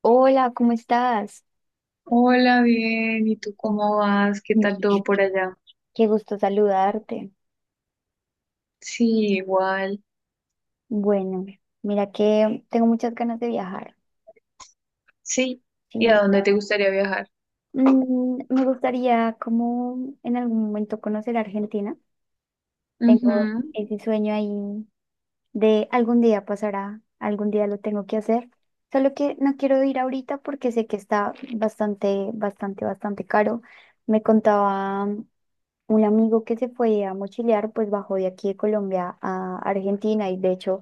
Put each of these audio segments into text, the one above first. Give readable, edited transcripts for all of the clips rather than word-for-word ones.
Hola, ¿cómo estás? Hola, bien. ¿Y tú cómo vas? ¿Qué tal Bien. todo por allá? Qué gusto saludarte. Sí, igual. Bueno, mira que tengo muchas ganas de viajar. Sí. Sí. ¿Y a dónde te gustaría viajar? Me gustaría como en algún momento conocer Argentina. Tengo Ujú. ese sueño ahí de algún día pasará, algún día lo tengo que hacer. Solo que no quiero ir ahorita porque sé que está bastante, bastante, bastante caro. Me contaba un amigo que se fue a mochilear, pues bajó de aquí de Colombia a Argentina y de hecho.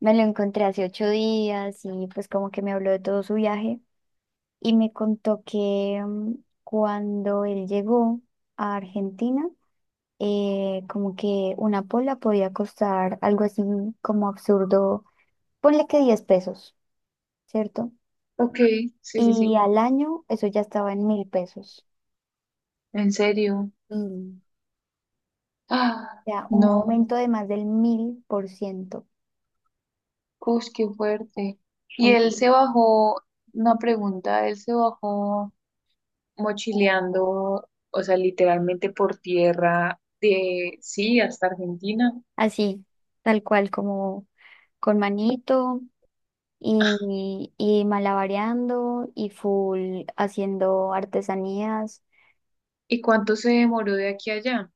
Me lo encontré hace 8 días y pues como que me habló de todo su viaje y me contó que cuando él llegó a Argentina, como que una pola podía costar algo así como absurdo, ponle que 10 pesos, ¿cierto? Ok, sí, sí, Y sí. al año eso ya estaba en 1.000 pesos. ¿En serio? Mm. Ah, O sea, un no. aumento de más del 1.000%. Uy, qué fuerte. Y él En- se bajó, una pregunta, él se bajó mochileando, o sea, literalmente por tierra de, sí, hasta Argentina. Así, tal cual, como con manito. Y malabareando y full haciendo artesanías ¿Y cuánto se demoró de aquí a allá?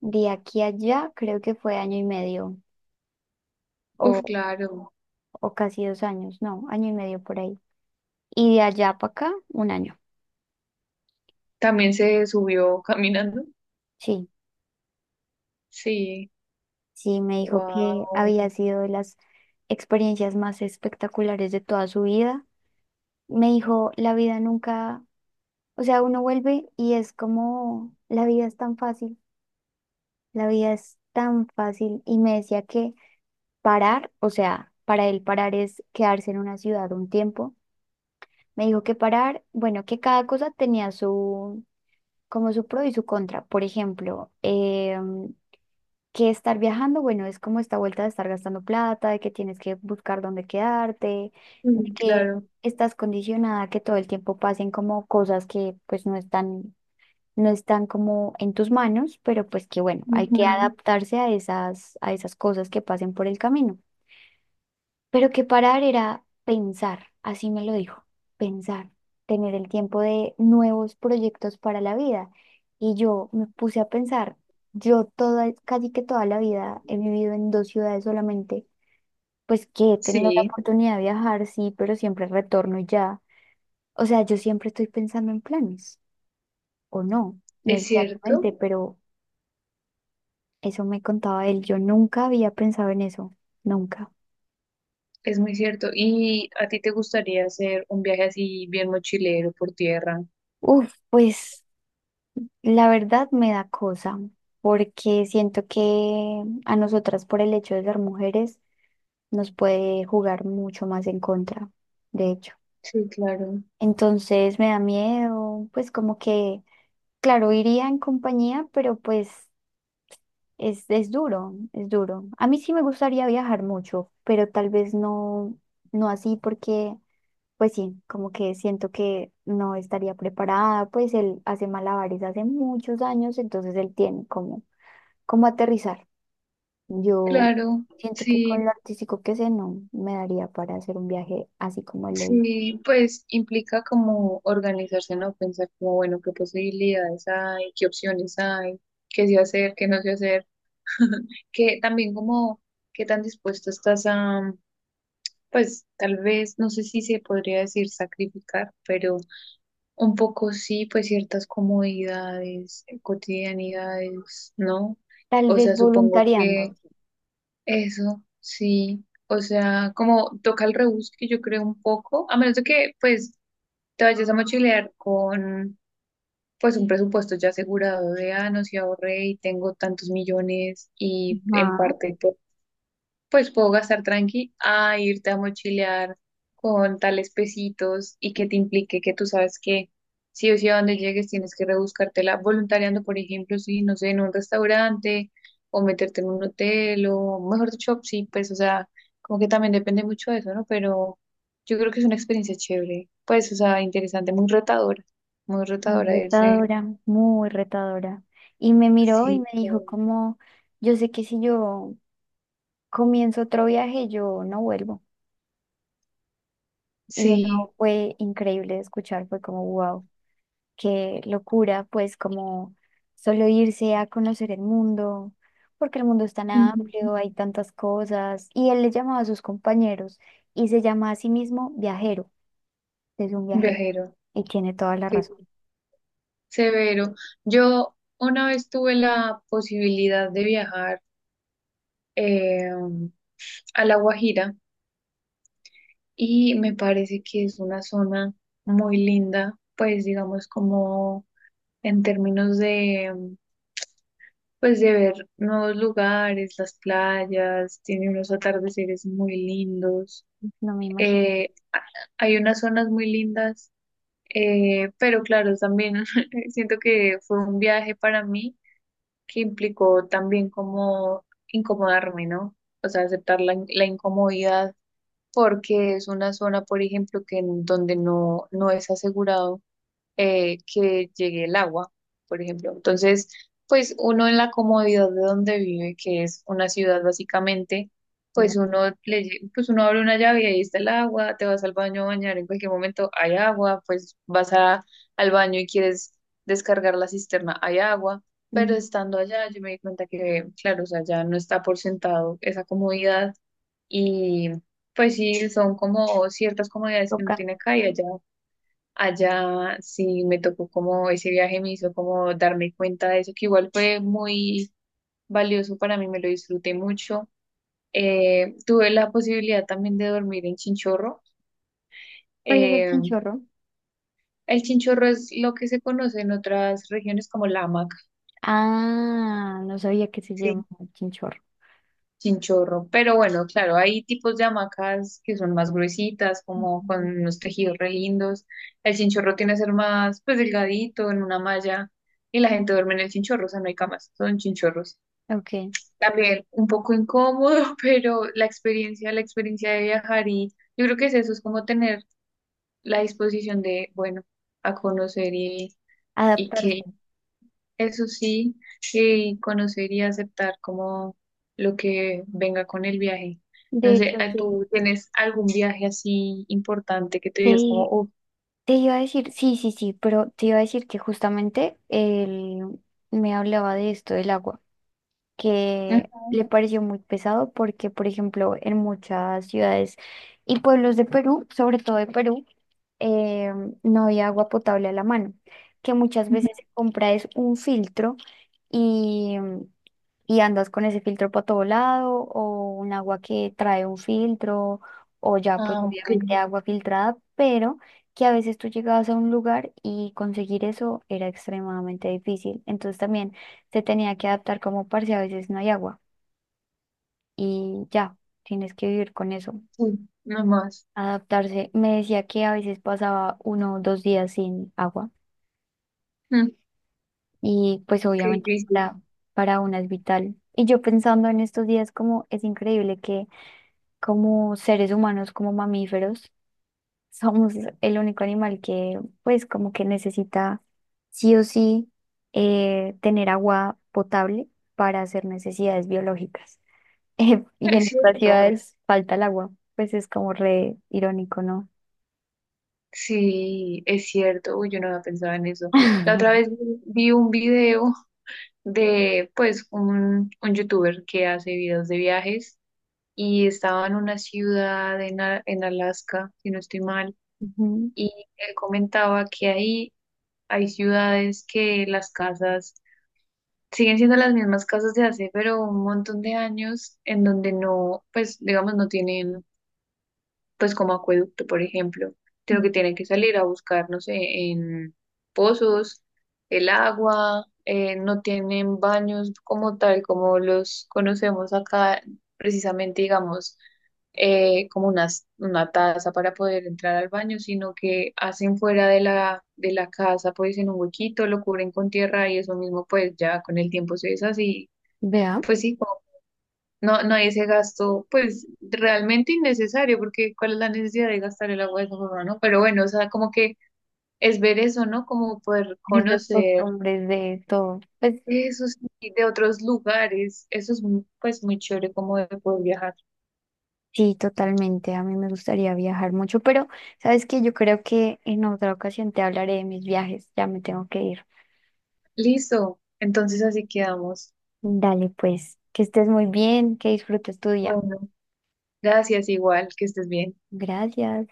de aquí a allá, creo que fue año y medio Uf, o, claro. o casi 2 años, no, año y medio por ahí. Y de allá para acá, un año. ¿También se subió caminando? Sí, Sí, sí, me dijo que wow, había sido de las experiencias más espectaculares de toda su vida. Me dijo, la vida nunca, o sea, uno vuelve y es como, la vida es tan fácil, la vida es tan fácil. Y me decía que parar, o sea, para él parar es quedarse en una ciudad un tiempo. Me dijo que parar, bueno, que cada cosa tenía su, como su pro y su contra. Por ejemplo, que estar viajando, bueno, es como esta vuelta de estar gastando plata, de que tienes que buscar dónde quedarte, de que claro, estás condicionada a que todo el tiempo pasen como cosas que pues no están, no están como en tus manos, pero pues que bueno, hay que ujú. adaptarse a esas cosas que pasen por el camino. Pero que parar era pensar, así me lo dijo, pensar, tener el tiempo de nuevos proyectos para la vida. Y yo me puse a pensar, yo toda, casi que toda la vida he vivido en dos ciudades solamente, pues que he tenido la Sí, oportunidad de viajar, sí, pero siempre retorno y ya. O sea, yo siempre estoy pensando en planes, o no, es cierto, necesariamente, pero eso me contaba él, yo nunca había pensado en eso, nunca. es muy cierto. ¿Y a ti te gustaría hacer un viaje así bien mochilero por tierra? Uf, pues. La verdad me da cosa, porque siento que a nosotras por el hecho de ser mujeres nos puede jugar mucho más en contra, de hecho. Sí, claro, Entonces me da miedo, pues como que, claro, iría en compañía, pero pues es duro, es duro. A mí sí me gustaría viajar mucho, pero tal vez no, no así porque, pues sí, como que siento que no estaría preparada, pues él hace malabares hace muchos años, entonces él tiene como aterrizar. Yo claro, siento que con sí, lo artístico que sé, no me daría para hacer un viaje así como él lo hice. sí, pues implica como organizarse, ¿no? Pensar como, bueno, qué posibilidades hay, qué opciones hay, qué sí hacer, qué no sé hacer, que también como, qué tan dispuesto estás a... Pues tal vez, no sé si se podría decir sacrificar, pero un poco sí, pues ciertas comodidades, cotidianidades, ¿no? Tal O vez sea, supongo voluntariando. que Sí. eso, sí. O sea, como toca el rebusque, yo creo un poco, a menos de que pues te vayas a mochilear con pues un presupuesto ya asegurado de, ah, no, si ahorré y tengo tantos millones y en Ajá, parte pues puedo gastar tranqui a irte a mochilear con tales pesitos y que te implique que tú sabes que sí o sí a donde llegues tienes que rebuscártela voluntariando, por ejemplo, si no sé, en un restaurante o meterte en un hotel o mejor dicho, sí, pues o sea, como que también depende mucho de eso, ¿no? Pero yo creo que es una experiencia chévere, pues o sea, interesante, muy muy retadora irse. retadora, muy retadora. Y me miró y me Sí, dijo claro. como, yo sé que si yo comienzo otro viaje, yo no vuelvo. Y eso Sí, fue increíble de escuchar, fue como, wow. Qué locura, pues como solo irse a conocer el mundo, porque el mundo es tan ujú. amplio, hay tantas cosas. Y él le llamaba a sus compañeros y se llama a sí mismo viajero, es un viajero Viajero. y tiene toda la razón. Severo. Yo una vez tuve la posibilidad de viajar eh, a La Guajira y me parece que es una zona muy linda, pues digamos como en términos de, pues de ver nuevos lugares, las playas, tiene unos atardeceres muy lindos. No me imagino Eh, a- hay unas zonas muy lindas, pero claro, también siento que fue un viaje para mí que implicó también como incomodarme, ¿no? O sea, aceptar la, la incomodidad porque es una zona, por ejemplo, que en donde no, no es asegurado que llegue el agua, por ejemplo. Entonces, pues uno en la comodidad de donde vive, que es una ciudad básicamente, que la pues uno le, pues uno abre una llave y ahí está el agua, te vas al baño a bañar, en cualquier momento hay agua, pues vas a, al baño y quieres descargar la cisterna, hay agua. Ujú. Pero estando allá, yo me di cuenta que, claro, o sea, ya no está por sentado esa comodidad y pues sí, son como ciertas comodidades que uno Toca. tiene acá y allá. Allá sí me tocó como ese viaje me hizo como darme cuenta de eso, que igual fue muy valioso para mí, me lo disfruté mucho. Tuve la posibilidad también de dormir en Chinchorro. ¿Cuál es el Eh, chinchorro? el Chinchorro es lo que se conoce en otras regiones como la hamaca, Ah, no sabía que se sí, llamaba chinchorro. Chinchorro. Pero bueno, claro, hay tipos de hamacas que son más gruesitas, como con Ujú. unos tejidos re lindos. El Chinchorro tiene que ser más pues delgadito, en una malla, y la gente duerme en el Chinchorro, o sea, no hay camas, son chinchorros. Ok, También un poco incómodo, pero la experiencia de viajar y yo creo que es eso, es como tener la disposición de, bueno, a conocer y que adaptarse. eso sí, y conocer y aceptar como lo que venga con el viaje. De No sé, hecho, ¿a- sí. ¿tú tienes algún viaje así importante que te digas como, Sí, oh, te iba a decir, sí, sí, sí, pero te iba a decir que justamente él me hablaba de esto del agua que le ujú, pareció muy pesado porque, por ejemplo, en muchas ciudades y pueblos de Perú, sobre todo de Perú, eh, no había agua potable a la mano, que muchas ujú, veces se compra es un filtro y, y andas con ese filtro para todo lado o un agua que trae un filtro o ya pues ah, ok, obviamente agua filtrada, pero que a veces tú llegabas a un lugar y conseguir eso era extremadamente difícil. Entonces también se tenía que adaptar como parce, a veces no hay agua y ya, tienes que vivir con eso, sí, no más, adaptarse. Me decía que a veces pasaba 1 o 2 días sin agua mm, y pues ok, obviamente difícil. para, una es vital. Y yo pensando en estos días como es increíble que como seres humanos, como mamíferos, somos el único animal que pues como que necesita sí o sí tener agua potable para hacer necesidades biológicas. Y en Es otras cierto. ciudades falta el agua. Pues es como re irónico, ¿no? Sí, es cierto, uy, yo no había pensado en eso. La otra vez vi un video de, pues, un youtuber que hace videos de viajes y estaba en una ciudad en, en Alaska, si no estoy mal, Ujú. y él comentaba que ahí hay ciudades que las casas siguen siendo las mismas casas de hace, pero un montón de años en donde no, pues, digamos, no tienen pues como acueducto, por ejemplo, sino que tienen que salir a buscar, no sé, en pozos, el agua, no tienen baños como tal, como los conocemos acá, precisamente, digamos, como una taza para poder entrar al baño, sino que hacen fuera de la casa, pues en un huequito, lo cubren con tierra y eso mismo, pues ya con el tiempo se deshace y Vea, pues sí. No, no hay ese gasto, pues realmente innecesario, porque ¿cuál es la necesidad de gastar el agua de esa forma, no? Pero bueno, o sea, como que es ver eso, ¿no? Como poder esas conocer costumbres de todo. Pues eso sí, de otros lugares. Eso es muy... pues muy chévere como de poder viajar. sí, totalmente. A mí me gustaría viajar mucho, pero sabes que yo creo que en otra ocasión te hablaré de mis viajes. Ya me tengo que ir. Listo, entonces así quedamos. Dale, pues, que estés muy bien, que disfrutes tu día. Bueno, gracias igual, que estés bien. Gracias.